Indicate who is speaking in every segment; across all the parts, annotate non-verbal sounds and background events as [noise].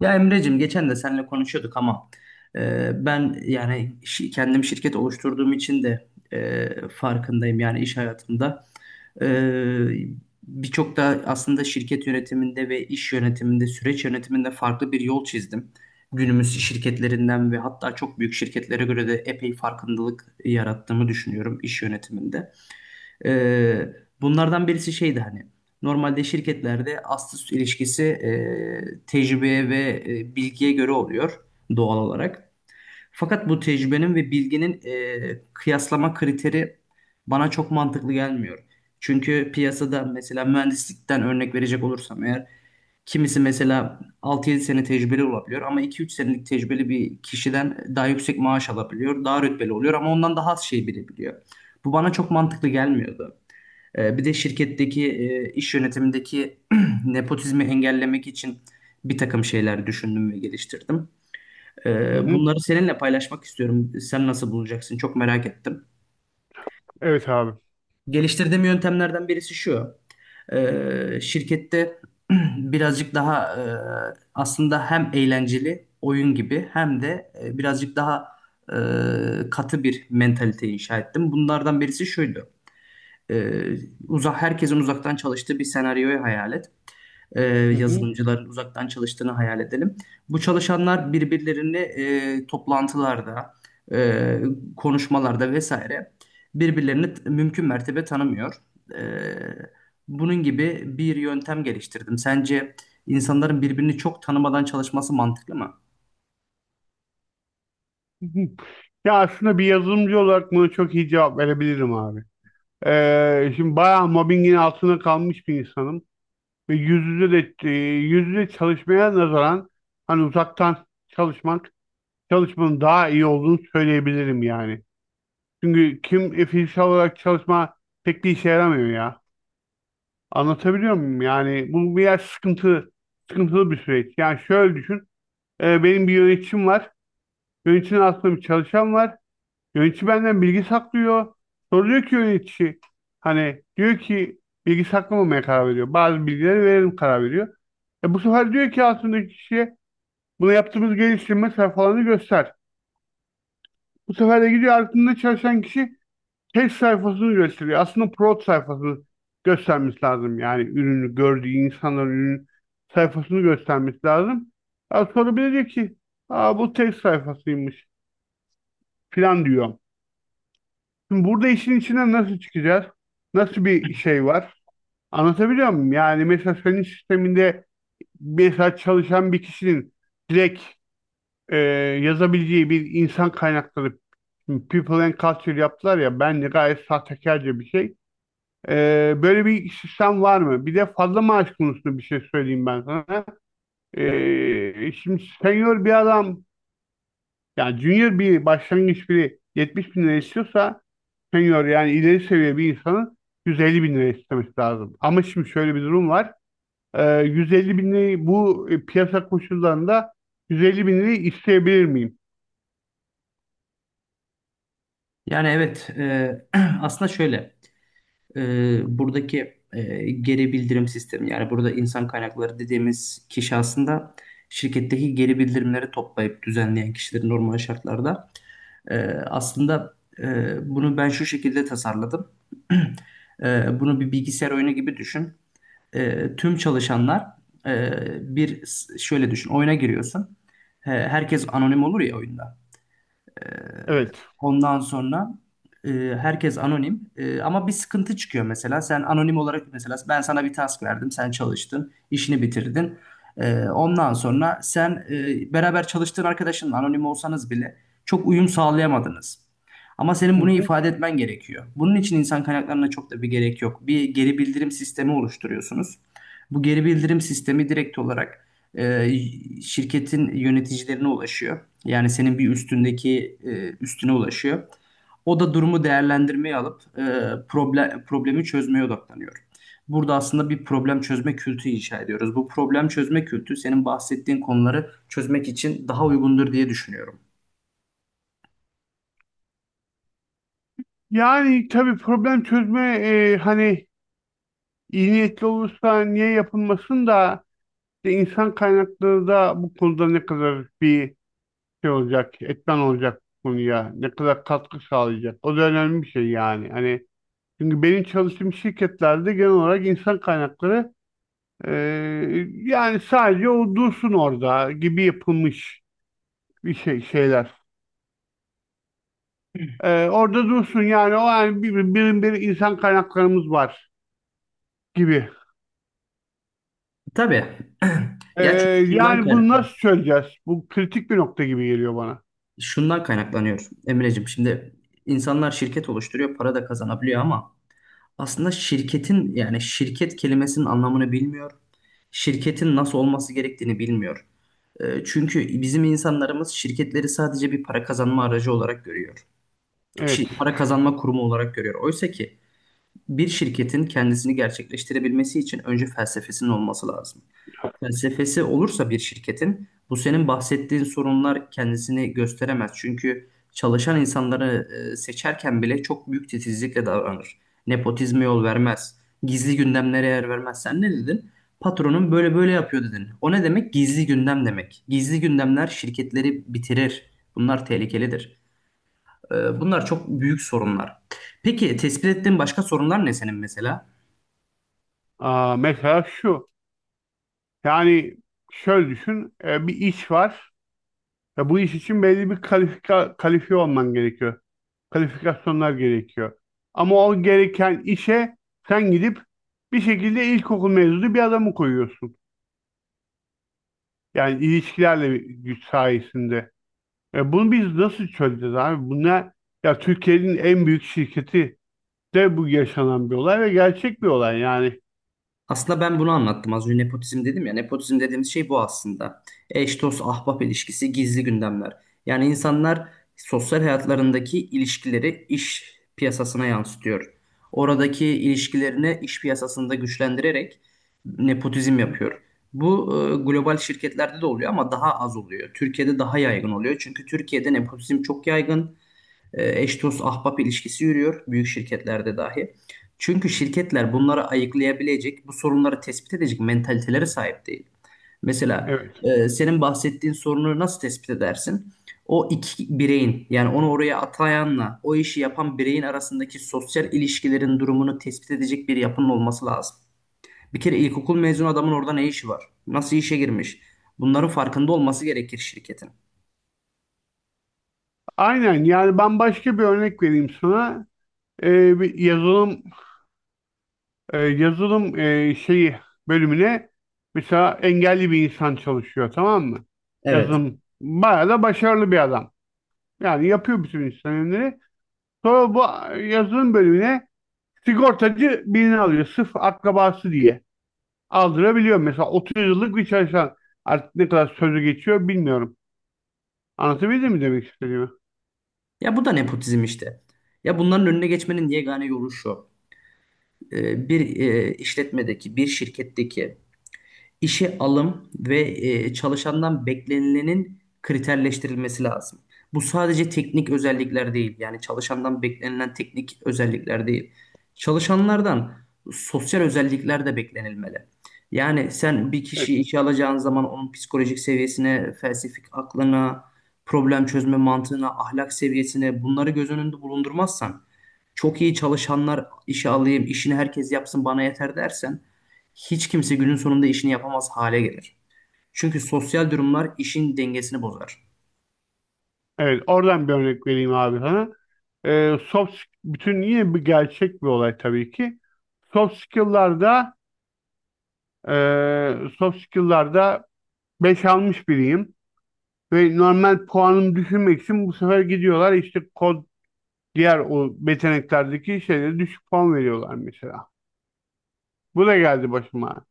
Speaker 1: Ya Emre'cim geçen de seninle konuşuyorduk ama, ben yani kendim şirket oluşturduğum için de, farkındayım yani iş hayatımda. E, birçok da aslında şirket yönetiminde ve iş yönetiminde, süreç yönetiminde farklı bir yol çizdim. Günümüz şirketlerinden ve hatta çok büyük şirketlere göre de epey farkındalık yarattığımı düşünüyorum iş yönetiminde. Ee, bunlardan birisi şeydi, hani normalde şirketlerde ast üst ilişkisi, tecrübeye ve, bilgiye göre oluyor doğal olarak. Fakat bu tecrübenin ve bilginin, kıyaslama kriteri bana çok mantıklı gelmiyor. Çünkü piyasada mesela mühendislikten örnek verecek olursam eğer, kimisi mesela 6 yedi sene tecrübeli olabiliyor ama iki üç senelik tecrübeli bir kişiden daha yüksek maaş alabiliyor, daha rütbeli oluyor ama ondan daha az şey bilebiliyor. Bu bana çok mantıklı gelmiyordu. Bir de şirketteki, iş yönetimindeki [clears throat] nepotizmi engellemek için bir takım şeyler düşündüm ve geliştirdim.
Speaker 2: Hı
Speaker 1: Ee,
Speaker 2: hı.
Speaker 1: Bunları seninle paylaşmak istiyorum. Sen nasıl bulacaksın? Çok merak ettim.
Speaker 2: Evet abi.
Speaker 1: Geliştirdiğim yöntemlerden birisi şu. Şirkette [clears throat] birazcık daha, aslında hem eğlenceli oyun gibi hem de, birazcık daha, katı bir mentalite inşa ettim. Bunlardan birisi şuydu. Ee, uzak herkesin uzaktan çalıştığı bir senaryoyu hayal et.
Speaker 2: Hı hı.
Speaker 1: Yazılımcıların uzaktan çalıştığını hayal edelim. Bu çalışanlar birbirlerini, toplantılarda, e, konuşmalarda vesaire, birbirlerini mümkün mertebe tanımıyor. E, bunun gibi bir yöntem geliştirdim. Sence insanların birbirini çok tanımadan çalışması mantıklı mı?
Speaker 2: Hı hı. Ya aslında bir yazılımcı olarak buna çok iyi cevap verebilirim abi. Şimdi bayağı mobbingin altında kalmış bir insanım. Ve yüz yüze de yüz yüze çalışmaya nazaran hani uzaktan çalışmak çalışmanın daha iyi olduğunu söyleyebilirim yani. Çünkü kim fiziksel olarak çalışma pek bir işe yaramıyor ya. Anlatabiliyor muyum? Yani bu biraz sıkıntı, sıkıntılı bir süreç. Yani şöyle düşün. Benim bir yöneticim var. Yöneticinin altında bir çalışan var. Yönetici benden bilgi saklıyor. Soruyor ki yönetici hani diyor ki bilgi saklamamaya karar veriyor. Bazı bilgileri verelim karar veriyor. E bu sefer diyor ki altındaki kişiye bunu yaptığımız geliştirme sayfalarını göster. Bu sefer de gidiyor altında çalışan kişi test sayfasını gösteriyor. Aslında prod sayfasını göstermesi lazım. Yani ürünü gördüğü insanların ürün sayfasını göstermesi lazım. Ya sonra bir de diyor ki aa, bu test sayfasıymış falan diyor. Şimdi burada işin içinden nasıl çıkacağız? Nasıl bir şey var? Anlatabiliyor muyum? Yani mesela senin sisteminde mesela çalışan bir kişinin direkt e, yazabileceği bir insan kaynakları, şimdi People and Culture yaptılar ya, bence gayet sahtekarca bir şey. E, böyle bir sistem var mı? Bir de fazla maaş konusunda bir şey söyleyeyim ben sana. E, şimdi senior bir adam, yani junior bir başlangıç biri 70 bin lira istiyorsa senior yani ileri seviye bir insanın 150 bin lira istemesi lazım. Ama şimdi şöyle bir durum var. 150 bin lirayı bu piyasa koşullarında 150 bin lirayı isteyebilir miyim?
Speaker 1: Yani evet, [clears throat] aslında şöyle. e, buradaki, geri bildirim sistemi, yani burada insan kaynakları dediğimiz kişi aslında şirketteki geri bildirimleri toplayıp düzenleyen kişiler normal şartlarda. E, aslında, bunu ben şu şekilde tasarladım. [clears throat] Bunu bir bilgisayar oyunu gibi düşün. Tüm çalışanlar, e, bir şöyle düşün, oyuna giriyorsun. Herkes anonim olur ya oyunda.
Speaker 2: Evet.
Speaker 1: Ondan sonra, e, herkes anonim. Ama bir sıkıntı çıkıyor mesela. Sen anonim olarak, mesela ben sana bir task verdim. Sen çalıştın, işini bitirdin. Ondan sonra sen, beraber çalıştığın arkadaşınla anonim olsanız bile çok uyum sağlayamadınız. Ama senin
Speaker 2: Hı
Speaker 1: bunu
Speaker 2: hı.
Speaker 1: ifade etmen gerekiyor. Bunun için insan kaynaklarına çok da bir gerek yok. Bir geri bildirim sistemi oluşturuyorsunuz. Bu geri bildirim sistemi direkt olarak, e, şirketin yöneticilerine ulaşıyor. Yani senin bir üstüne ulaşıyor. O da durumu değerlendirmeye alıp, problemi çözmeye odaklanıyor. Burada aslında bir problem çözme kültürü inşa ediyoruz. Bu problem çözme kültürü senin bahsettiğin konuları çözmek için daha uygundur diye düşünüyorum.
Speaker 2: Yani tabii problem çözme hani iyi niyetli olursa niye yapılmasın da işte insan kaynakları da bu konuda ne kadar bir şey olacak, etmen olacak bu konuya, ne kadar katkı sağlayacak. O da önemli bir şey yani. Hani çünkü benim çalıştığım şirketlerde genel olarak insan kaynakları e, yani sadece o dursun orada gibi yapılmış bir şey şeyler. E, orada dursun yani o yani bir insan kaynaklarımız var gibi.
Speaker 1: Tabii. [clears throat]
Speaker 2: E,
Speaker 1: Ya çünkü şundan
Speaker 2: yani bunu
Speaker 1: kaynaklanıyor.
Speaker 2: nasıl çözeceğiz? Bu kritik bir nokta gibi geliyor bana.
Speaker 1: Şundan kaynaklanıyor Emreciğim. Şimdi insanlar şirket oluşturuyor, para da kazanabiliyor ama aslında şirketin yani şirket kelimesinin anlamını bilmiyor. Şirketin nasıl olması gerektiğini bilmiyor. Çünkü bizim insanlarımız şirketleri sadece bir para kazanma aracı olarak görüyor.
Speaker 2: Evet.
Speaker 1: Para kazanma kurumu olarak görüyor. Oysa ki bir şirketin kendisini gerçekleştirebilmesi için önce felsefesinin olması lazım. Felsefesi olursa bir şirketin, bu senin bahsettiğin sorunlar kendisini gösteremez. Çünkü çalışan insanları, seçerken bile çok büyük titizlikle davranır. Nepotizme yol vermez. Gizli gündemlere yer vermez. Sen ne dedin? Patronun böyle böyle yapıyor dedin. O ne demek? Gizli gündem demek. Gizli gündemler şirketleri bitirir. Bunlar tehlikelidir. Bunlar çok büyük sorunlar. Peki tespit ettiğin başka sorunlar ne senin mesela?
Speaker 2: Aa, mesela şu. Yani şöyle düşün. Bir iş var. Ve bu iş için belli bir kalifiye olman gerekiyor. Kalifikasyonlar gerekiyor. Ama o gereken işe sen gidip bir şekilde ilkokul mezunu bir adamı koyuyorsun. Yani ilişkilerle güç sayesinde. E bunu biz nasıl çözeceğiz abi? Bunlar ya Türkiye'nin en büyük şirketi de bu yaşanan bir olay ve gerçek bir olay yani.
Speaker 1: Aslında ben bunu anlattım. Az önce nepotizm dedim ya. Nepotizm dediğimiz şey bu aslında. Eş, dost, ahbap ilişkisi, gizli gündemler. Yani insanlar sosyal hayatlarındaki ilişkileri iş piyasasına yansıtıyor. Oradaki ilişkilerini iş piyasasında güçlendirerek nepotizm yapıyor. Bu, global şirketlerde de oluyor ama daha az oluyor. Türkiye'de daha yaygın oluyor. Çünkü Türkiye'de nepotizm çok yaygın, eş dost ahbap ilişkisi yürüyor büyük şirketlerde dahi. Çünkü şirketler bunları ayıklayabilecek, bu sorunları tespit edecek mentalitelere sahip değil. Mesela,
Speaker 2: Evet.
Speaker 1: senin bahsettiğin sorunu nasıl tespit edersin? O iki bireyin, yani onu oraya atayanla o işi yapan bireyin arasındaki sosyal ilişkilerin durumunu tespit edecek bir yapının olması lazım. Bir kere ilkokul mezunu adamın orada ne işi var? Nasıl işe girmiş? Bunların farkında olması gerekir şirketin.
Speaker 2: Aynen, yani ben başka bir örnek vereyim sana. E, bir yazılım şeyi bölümüne mesela engelli bir insan çalışıyor, tamam mı?
Speaker 1: Evet.
Speaker 2: Yazılım bayağı da başarılı bir adam. Yani yapıyor bütün işlemleri. Sonra bu yazılım bölümüne sigortacı birini alıyor. Sırf akrabası diye aldırabiliyor. Mesela 30 yıllık bir çalışan artık ne kadar sözü geçiyor bilmiyorum. Anlatabildim mi demek istediğimi?
Speaker 1: Ya bu da nepotizm işte. Ya bunların önüne geçmenin yegane yolu şu. Bir şirketteki işe alım ve, çalışandan beklenilenin kriterleştirilmesi lazım. Bu sadece teknik özellikler değil. Yani çalışandan beklenilen teknik özellikler değil. Çalışanlardan sosyal özellikler de beklenilmeli. Yani sen bir kişiyi
Speaker 2: Evet.
Speaker 1: işe alacağın zaman onun psikolojik seviyesine, felsefik aklına, problem çözme mantığına, ahlak seviyesine bunları göz önünde bulundurmazsan, çok iyi çalışanlar işe alayım, işini herkes yapsın bana yeter dersen, hiç kimse günün sonunda işini yapamaz hale gelir. Çünkü sosyal durumlar işin dengesini bozar.
Speaker 2: Evet, oradan bir örnek vereyim abi sana. E, soft, bütün yine bir gerçek bir olay tabii ki. Soft skill'larda Soft skill'larda 5 almış biriyim. Ve normal puanımı düşürmek için bu sefer gidiyorlar işte kod, diğer o yeteneklerdeki şeylere düşük puan veriyorlar mesela. Bu da geldi başıma.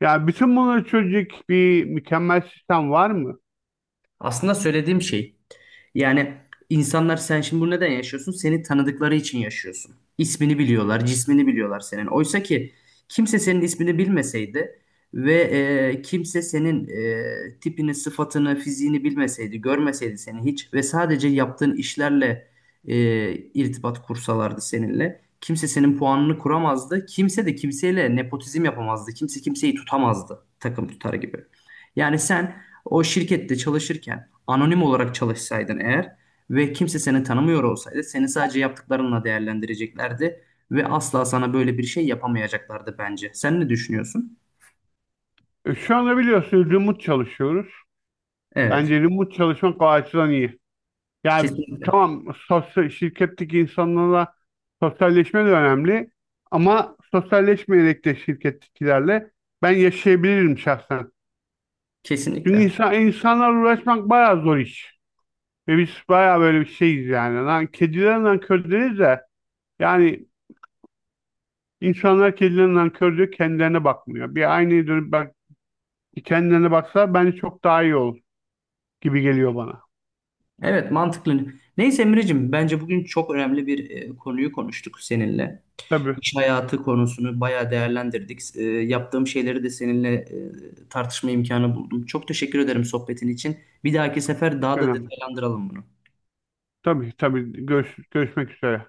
Speaker 2: Yani bütün bunları çözecek bir mükemmel sistem var mı?
Speaker 1: Aslında söylediğim şey, yani insanlar, sen şimdi bunu neden yaşıyorsun? Seni tanıdıkları için yaşıyorsun. İsmini biliyorlar, cismini biliyorlar senin. Oysa ki kimse senin ismini bilmeseydi ve, kimse senin, tipini, sıfatını, fiziğini bilmeseydi, görmeseydi seni hiç ve sadece yaptığın işlerle, irtibat kursalardı seninle. Kimse senin puanını kuramazdı. Kimse de kimseyle nepotizm yapamazdı. Kimse kimseyi tutamazdı takım tutar gibi. Yani sen o şirkette çalışırken anonim olarak çalışsaydın eğer ve kimse seni tanımıyor olsaydı, seni sadece yaptıklarınla değerlendireceklerdi ve asla sana böyle bir şey yapamayacaklardı bence. Sen ne düşünüyorsun?
Speaker 2: E, şu anda biliyorsunuz remote çalışıyoruz.
Speaker 1: Evet,
Speaker 2: Bence remote çalışmak o açıdan iyi. Yani
Speaker 1: kesinlikle.
Speaker 2: tamam, sosyal, şirketteki insanlarla sosyalleşme de önemli ama sosyalleşmeyerek de şirkettekilerle ben yaşayabilirim şahsen. Çünkü
Speaker 1: Kesinlikle.
Speaker 2: insanlarla uğraşmak bayağı zor iş. Ve biz bayağı böyle bir şeyiz yani. Lan kediler nankör deriz de yani insanlar kediler nankör diyor, kendilerine bakmıyor. Bir aynaya dönüp bak, kendilerine baksa bence çok daha iyi olur gibi geliyor bana.
Speaker 1: Evet, mantıklı. Neyse Emre'cim, bence bugün çok önemli bir, konuyu konuştuk seninle.
Speaker 2: Tabii.
Speaker 1: İş hayatı konusunu bayağı değerlendirdik. Yaptığım şeyleri de seninle, tartışma imkanı buldum. Çok teşekkür ederim sohbetin için. Bir dahaki sefer
Speaker 2: Hiç
Speaker 1: daha da
Speaker 2: önemli.
Speaker 1: detaylandıralım bunu.
Speaker 2: Tabii tabii. Görüşmek üzere.